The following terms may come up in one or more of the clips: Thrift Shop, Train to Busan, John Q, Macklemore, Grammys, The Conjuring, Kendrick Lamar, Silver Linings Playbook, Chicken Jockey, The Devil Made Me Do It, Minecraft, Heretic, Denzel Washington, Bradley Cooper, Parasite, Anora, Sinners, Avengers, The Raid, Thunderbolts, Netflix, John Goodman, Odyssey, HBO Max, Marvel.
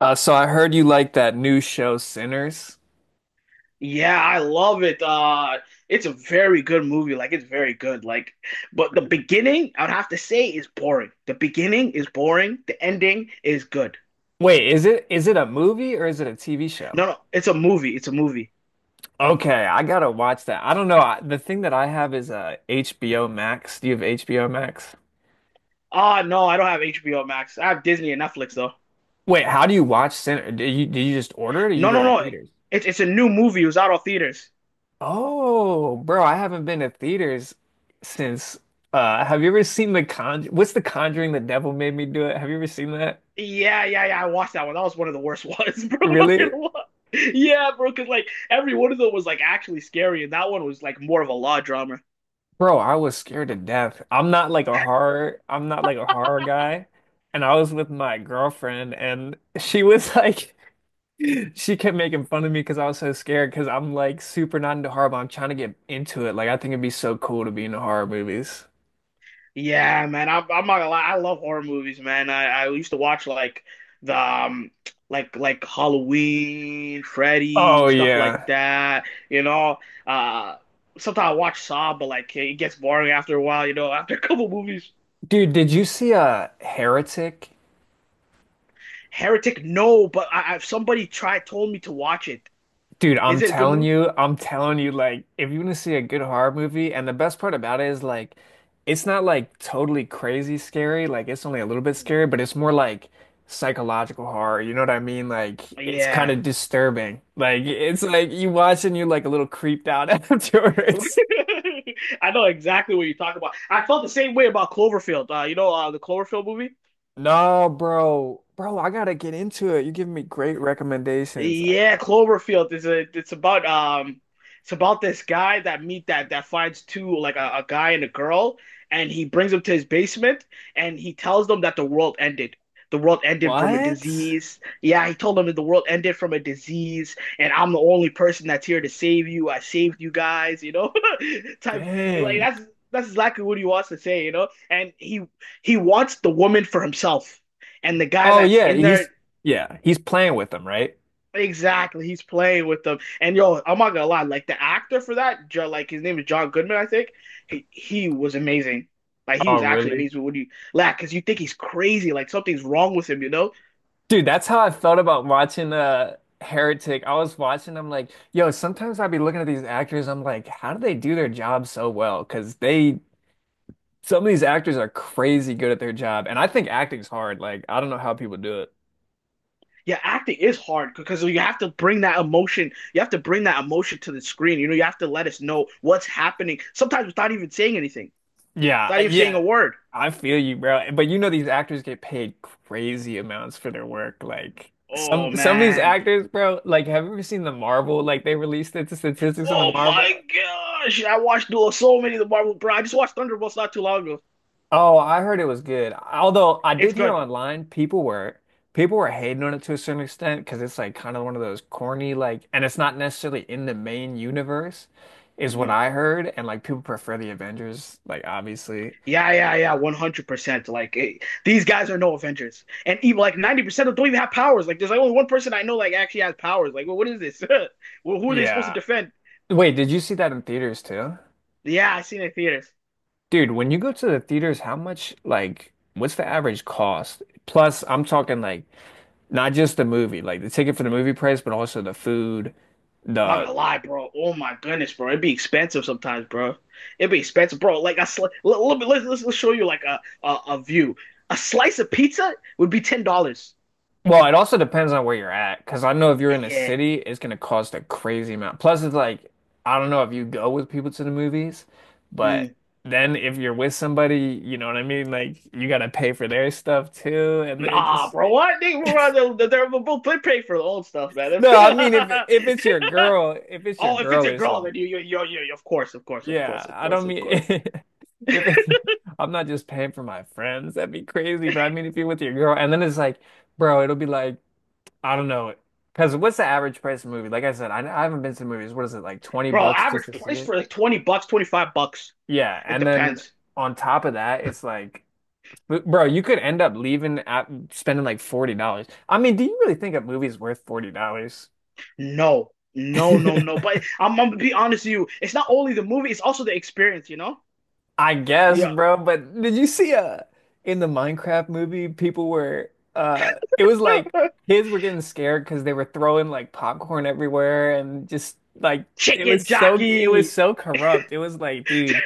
So I heard you like that new show, Sinners. Yeah, I love it. It's a very good movie. Like it's very good. But the beginning, I'd have to say, is boring. The beginning is boring. The ending is good. Wait, is it a movie or is it a TV show? No, no, it's a movie. It's a movie. Okay, I gotta watch that. I don't know. I, the thing that I have is HBO Max. Do you have HBO Max? Ah, no, I don't have HBO Max. I have Disney and Netflix though. Wait, how do you watch Sinners? Do you just order it or you No, go to no, the no. theaters? It's a new movie. It was out of theaters. Oh, bro, I haven't been to theaters since. Have you ever seen The Conj? What's The Conjuring? The Devil Made Me Do It. Have you ever seen that? Yeah, yeah, yeah, I watched that one. That was one of the worst ones, bro. I'm not Really? gonna lie. Yeah, bro, because like every one of them was like actually scary, and that one was like more of a law drama. Bro, I was scared to death. I'm not like a horror guy. And I was with my girlfriend and she was like she kept making fun of me because I was so scared because I'm like super not into horror, but I'm trying to get into it. Like I think it'd be so cool to be in the horror movies. Yeah, man. I'm not gonna lie. I love horror movies, man. I used to watch like the like Halloween, Freddy, Oh stuff like yeah. that. You know, uh, Sometimes I watch Saw, but like it gets boring after a while. You know, after a couple movies. Dude, did you see Heretic? Heretic, no, but I somebody tried told me to watch it. Dude, Is it a good movie? I'm telling you, like, if you want to see a good horror movie, and the best part about it is, like, it's not like totally crazy scary, like, it's only a little bit scary, but it's more like psychological horror. You know what I mean? Like, it's kind Yeah. of disturbing. Like, it's like you watch and you're like a little creeped out afterwards. I know exactly what you're talking about. I felt the same way about Cloverfield. The Cloverfield movie. No, bro, bro, I gotta get into it. You're giving me great recommendations. Yeah, Cloverfield is a it's about it's about this guy that meet that that finds two like a guy and a girl and he brings them to his basement and he tells them that the world ended. The world ended from a What? disease. Yeah, he told them that the world ended from a disease and I'm the only person that's here to save you. I saved you guys, you know? Type like Dang. that's that's exactly what he wants to say, you know? And he wants the woman for himself. And the guy Oh, that's yeah, in there. Yeah, he's playing with them, right? Exactly, he's playing with them, and yo, I'm not gonna lie, like the actor for that, like his name is John Goodman, I think. He was amazing, like he was Oh, actually really? amazing. When you, like, because you think he's crazy, like something's wrong with him, you know? Dude, that's how I felt about watching Heretic. I was watching, I'm like, yo, sometimes I'd be looking at these actors, I'm like, how do they do their job so well? Because they some of these actors are crazy good at their job. And I think acting's hard. Like, I don't know how people do it. Yeah, acting is hard because you have to bring that emotion. You have to bring that emotion to the screen. You know, you have to let us know what's happening. Sometimes without even saying anything, Yeah, I- without even saying yeah. a word. I feel you, bro. But you know these actors get paid crazy amounts for their work. Like Oh some of these man. actors, bro, like have you ever seen the Marvel? Like they released the statistics on the Oh my Marvel? gosh! I watched so many of the Marvel, bro. I just watched Thunderbolts not too long ago. Oh, I heard it was good. Although I It's did hear good. online people were hating on it to a certain extent because it's like kind of one of those corny like, and it's not necessarily in the main universe, is what Mm. I heard. And like people prefer the Avengers, like obviously. Yeah, yeah, yeah, 100%. These guys are no Avengers. And even like 90% of them don't even have powers. Like there's like only one person I know like actually has powers. Like, well, what is this? Well, who are they supposed to Yeah. defend? Wait, did you see that in theaters too? Yeah, I seen it in theaters. Dude, when you go to the theaters, how much like what's the average cost? Plus, I'm talking like not just the movie, like the ticket for the movie price, but also the food, I'm not the. gonna lie, bro. Oh my goodness, bro. It'd be expensive sometimes, bro. It'd be expensive, bro. Like I sl let, let me let's show you like a view. A slice of pizza would be $10. Well, it also depends on where you're at, because I know if you're in a Yeah. city, it's going to cost a crazy amount. Plus, it's like, I don't know if you go with people to the movies, but Mm. then if you're with somebody, you know what I mean? Like, you got to pay for their stuff too. And then it Nah, just, bro. What? They're both pay for the old stuff, man. no, I mean, if it's your girl, Oh, if it's a or girl, something, then of course, yeah, I don't mean, of course. if it, I'm not just paying for my friends, that'd be crazy. But I mean, if you're with your girl, and then it's like, bro, it'll be like, I don't know. Because what's the average price of a movie? Like I said, I haven't been to the movies. What is it, like 20 Bro, bucks just average to see price it? for like 20 bucks, 25 bucks. Yeah. It And then depends. on top of that, it's like, bro, you could end up leaving at spending like $40. I mean, do you really think a movie's worth $40? No, no, no, no. But I'm gonna be honest with you. It's not only the movie, it's also the experience, you know? I guess, Yeah. bro. But did you see in the Minecraft movie, people were it was like kids were getting scared because they were throwing like popcorn everywhere and just like Chicken it was jockey. so corrupt. It was like, dude,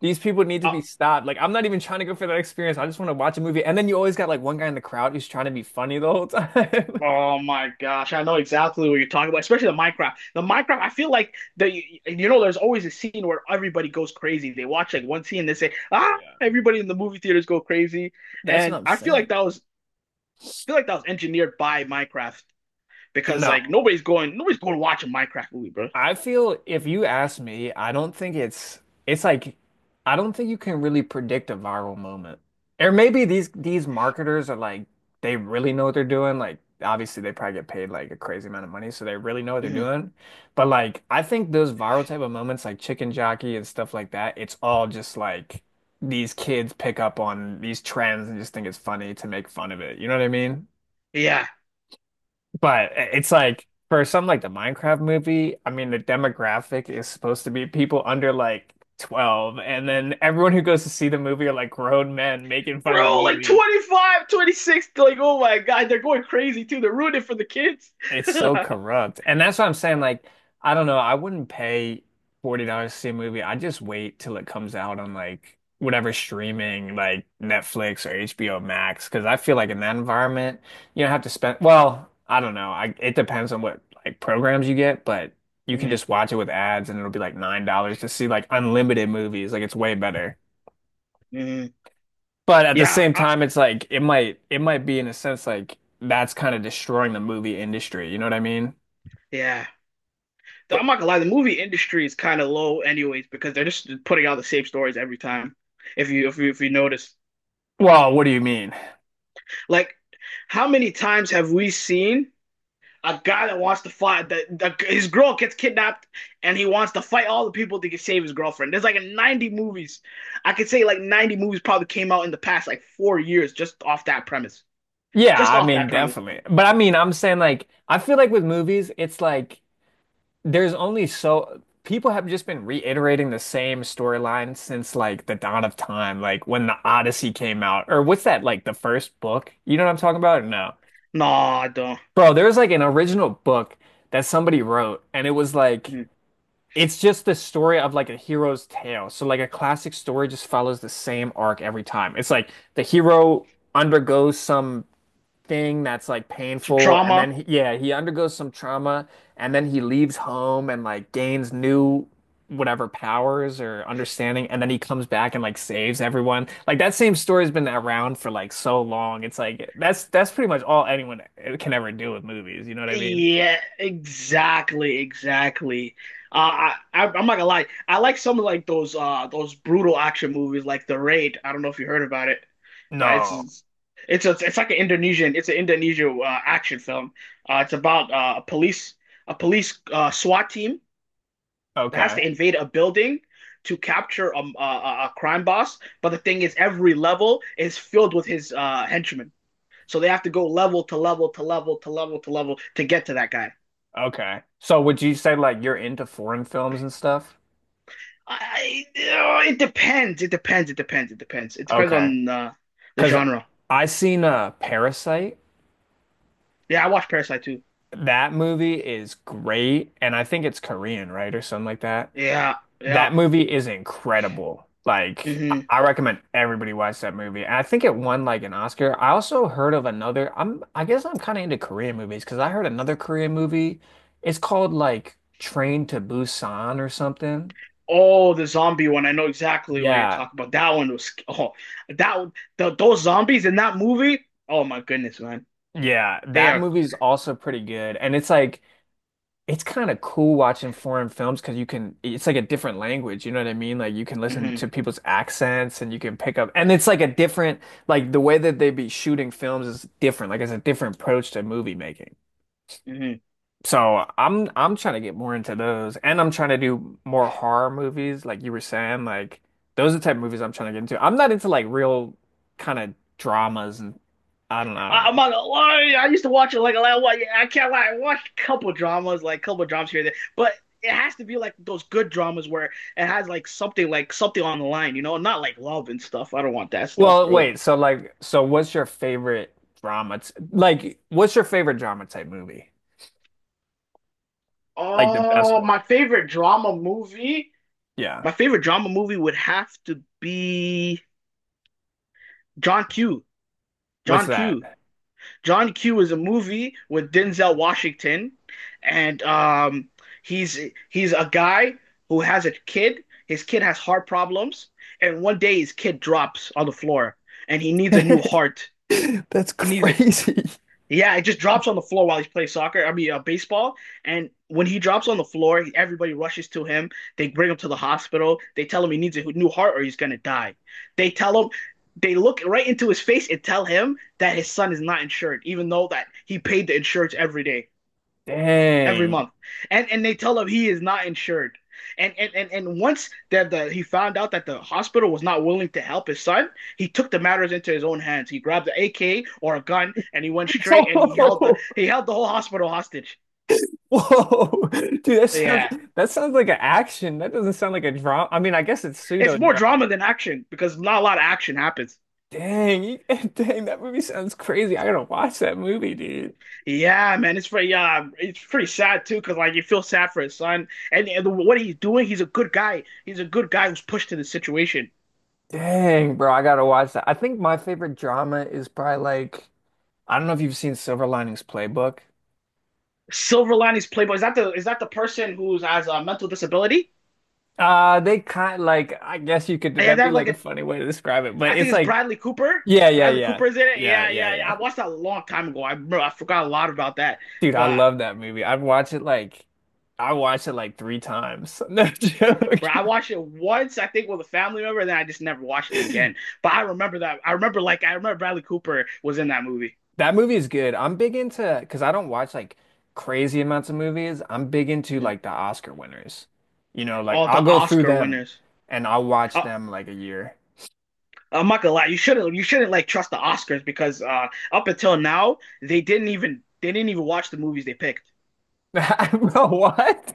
these people need to Uh, be stopped. Like I'm not even trying to go for that experience. I just want to watch a movie. And then you always got like one guy in the crowd who's trying to be funny the whole time. oh my gosh, I know exactly what you're talking about, especially the Minecraft. The Minecraft, I feel like the There's always a scene where everybody goes crazy. They watch like one scene, and they say, ah, Yeah. everybody in the movie theaters go crazy. That's what And I'm I feel saying. like that was feel like that was engineered by Minecraft because No. like nobody's going to watch a Minecraft movie, bro. I feel if you ask me, I don't think it's like I don't think you can really predict a viral moment. Or maybe these marketers are like they really know what they're doing. Like obviously they probably get paid like a crazy amount of money, so they really know what they're Mm-hmm. doing. But like I think those viral type of moments like Chicken Jockey and stuff like that, it's all just like these kids pick up on these trends and just think it's funny to make fun of it. You know what I mean? Yeah. But it's like for something like the Minecraft movie, I mean, the demographic is supposed to be people under like 12, and then everyone who goes to see the movie are like grown men making fun of the Bro, like movie. 25, 26. Like oh my god, they're going crazy too. They're ruining it for the kids. It's so Mm-hmm. corrupt. And that's what I'm saying. Like, I don't know. I wouldn't pay $40 to see a movie. I'd just wait till it comes out on like whatever streaming, like Netflix or HBO Max. Cause I feel like in that environment, you don't have to spend, well, I don't know. I, it depends on what like programs you get, but you can just watch it with ads and it'll be like $9 to see like unlimited movies. Like, it's way better. Mm-hmm. But at the Yeah, same I, time, it's like it might be in a sense like that's kind of destroying the movie industry. You know what I mean? yeah. I'm not gonna lie, the movie industry is kind of low anyways because they're just putting out the same stories every time. If you notice, Well, what do you mean? like how many times have we seen a guy that wants to fight that his girl gets kidnapped and he wants to fight all the people to save his girlfriend. There's like 90 movies. I could say like 90 movies probably came out in the past like 4 years just off that premise. Yeah, Just I off mean, that premise. definitely. But I mean, I'm saying like I feel like with movies, it's like there's only so people have just been reiterating the same storyline since like the dawn of time, like when the Odyssey came out, or what's that like the first book? You know what I'm talking about? Or no. No, I don't. Bro, there was like an original book that somebody wrote, and it was like Mm. it's just the story of like a hero's tale. So like a classic story just follows the same arc every time. It's like the hero undergoes some thing that's like Some painful and then trauma. He undergoes some trauma and then he leaves home and like gains new whatever powers or understanding and then he comes back and like saves everyone. Like that same story's been around for like so long. It's like that's pretty much all anyone can ever do with movies, you know what I mean? Yeah, exactly, exactly. I'm not gonna lie. I like some of like those brutal action movies like The Raid. I don't know if you heard about it. But No. It's like an Indonesian. It's an Indonesian action film. It's about a police SWAT team that has Okay, to invade a building to capture a crime boss. But the thing is, every level is filled with his henchmen, so they have to go level to level to level to level to level to get to that guy. okay, so would you say like you're into foreign films and stuff? Oh, it depends. It depends Okay, on the because genre. I seen Parasite. Yeah, I watched Parasite too. That movie is great, and I think it's Korean, right, or something like that. Yeah, yeah. That movie is incredible. Like, Hmm. I recommend everybody watch that movie. And I think it won like an Oscar. I also heard of another. I guess I'm kind of into Korean movies because I heard another Korean movie. It's called like Train to Busan or something. Oh, the zombie one. I know exactly what you're Yeah, talking about. That one was that those zombies in that movie. Oh my goodness, man. yeah, They that are. movie is also pretty good, and it's like it's kind of cool watching foreign films because you can, it's like a different language, you know what I mean? Like you can listen Mhm, to people's accents and you can pick up, and it's like a different, like the way that they be shooting films is different, like it's a different approach to movie making. mhm. So I'm trying to get more into those, and I'm trying to do more horror movies like you were saying. Like those are the type of movies I'm trying to get into. I'm not into like real kind of dramas, and I don't I am know. not gonna lie. I used to watch it like a lot. I can't lie. I watched a couple dramas, like a couple dramas here and there, but it has to be like those good dramas where it has like something on the line, you know, not like love and stuff. I don't want that stuff, Well, bro. wait, so like so what's your favorite drama t like what's your favorite drama type movie? Like the best Oh, one. my favorite drama movie. Yeah. My favorite drama movie would have to be John Q. What's John that? Q. John Q is a movie with Denzel Washington, and he's he's a guy who has a kid. His kid has heart problems, and one day his kid drops on the floor, and he needs a new heart. That's He needs it. crazy. Yeah, it just drops on the floor while he's playing soccer. I mean, baseball. And when he drops on the floor, everybody rushes to him. They bring him to the hospital. They tell him he needs a new heart or he's gonna die. They tell him, they look right into his face and tell him that his son is not insured, even though that he paid the insurance every day every Dang. month, and they tell him he is not insured. And once that the he found out that the hospital was not willing to help his son, he took the matters into his own hands. He grabbed an AK or a gun and he went straight and Whoa. he held the whole hospital hostage. Whoa. Dude, that sounds Yeah, like an action. That doesn't sound like a drama. I mean, I guess it's it's pseudo more drama. drama than action because not a lot of action happens. Dang. Dang, that movie sounds crazy. I gotta watch that movie, dude. Yeah, man, it's pretty yeah, it's pretty sad too because like you feel sad for his son and what he's doing. He's a good guy. He's a good guy who's pushed to the situation. Dang, bro, I gotta watch that. I think my favorite drama is probably like I don't know if you've seen Silver Linings Playbook. Silver Linings Playboy. Is that the person who has a mental disability? They kind like I guess you could Yeah, that'd they be have like like a a. funny way to describe it, but I think it's it's like Bradley Cooper. yeah, yeah, Bradley yeah. Cooper is in it. Yeah, Yeah, yeah, yeah, yeah. yeah. I watched that a long time ago. I forgot a lot about that, Dude, I but. love that movie. I watched it like three times. No joke. Bro, I watched it once, I think, with a family member, and then I just never watched it again. But I remember that. I remember, like, I remember Bradley Cooper was in that movie. That movie is good. I'm big into because I don't watch like crazy amounts of movies. I'm big into Mm. like the Oscar winners. You know, like All the I'll go through Oscar them winners. and I'll watch Uh, them like a year. I'm not gonna lie, you shouldn't like trust the Oscars because up until now, they didn't even watch the movies they picked. Bro, what?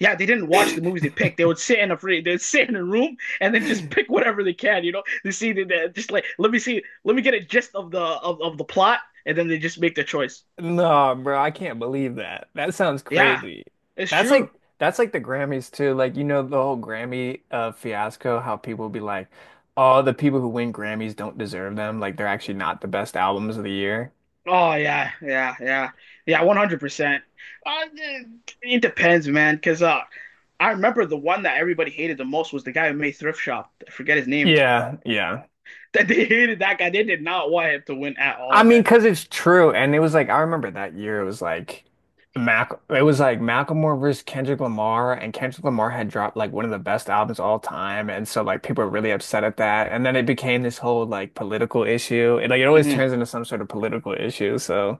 Yeah, they didn't watch the movies they picked. They'd sit in a room and then just pick whatever they can. You know, they see that just like let me see, let me get a gist of of the plot, and then they just make their choice. No, bro, I can't believe that. That sounds Yeah, crazy. it's That's true. like the Grammys too. Like you know the whole Grammy fiasco, how people be like, "Oh, the people who win Grammys don't deserve them. Like they're actually not the best albums of the year." Oh yeah, yeah, yeah, yeah, 100%. Uh, It depends, man, because I remember the one that everybody hated the most was the guy who made Thrift Shop. I forget his name. Yeah, yeah. That they hated that guy. They did not want him to win at I all, mean, man. because it's true. And it was like, I remember that year, it was like, it was like Macklemore versus Kendrick Lamar, and Kendrick Lamar had dropped like one of the best albums of all time. And so, like, people were really upset at that. And then it became this whole like political issue. It always Hmm. turns into some sort of political issue. So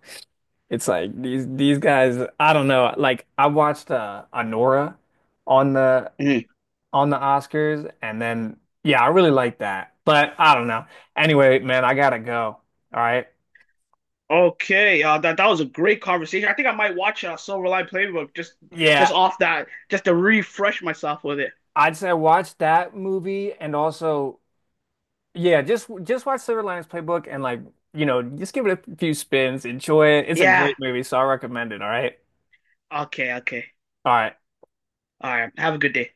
it's like these guys, I don't know. Like, I watched Anora on the, Hmm. on the Oscars. And then, yeah, I really liked that. But I don't know. Anyway, man, I gotta go. All right. Okay, that that was a great conversation. I think I might watch Silver Line Playbook Yeah. just off that, just to refresh myself with it. I'd say I watched that movie and also yeah, just watch Silver Linings Playbook and like, you know, just give it a few spins, enjoy it. It's a Yeah. great movie, so I recommend it, all right? Okay. Okay. All right. All right. Have a good day.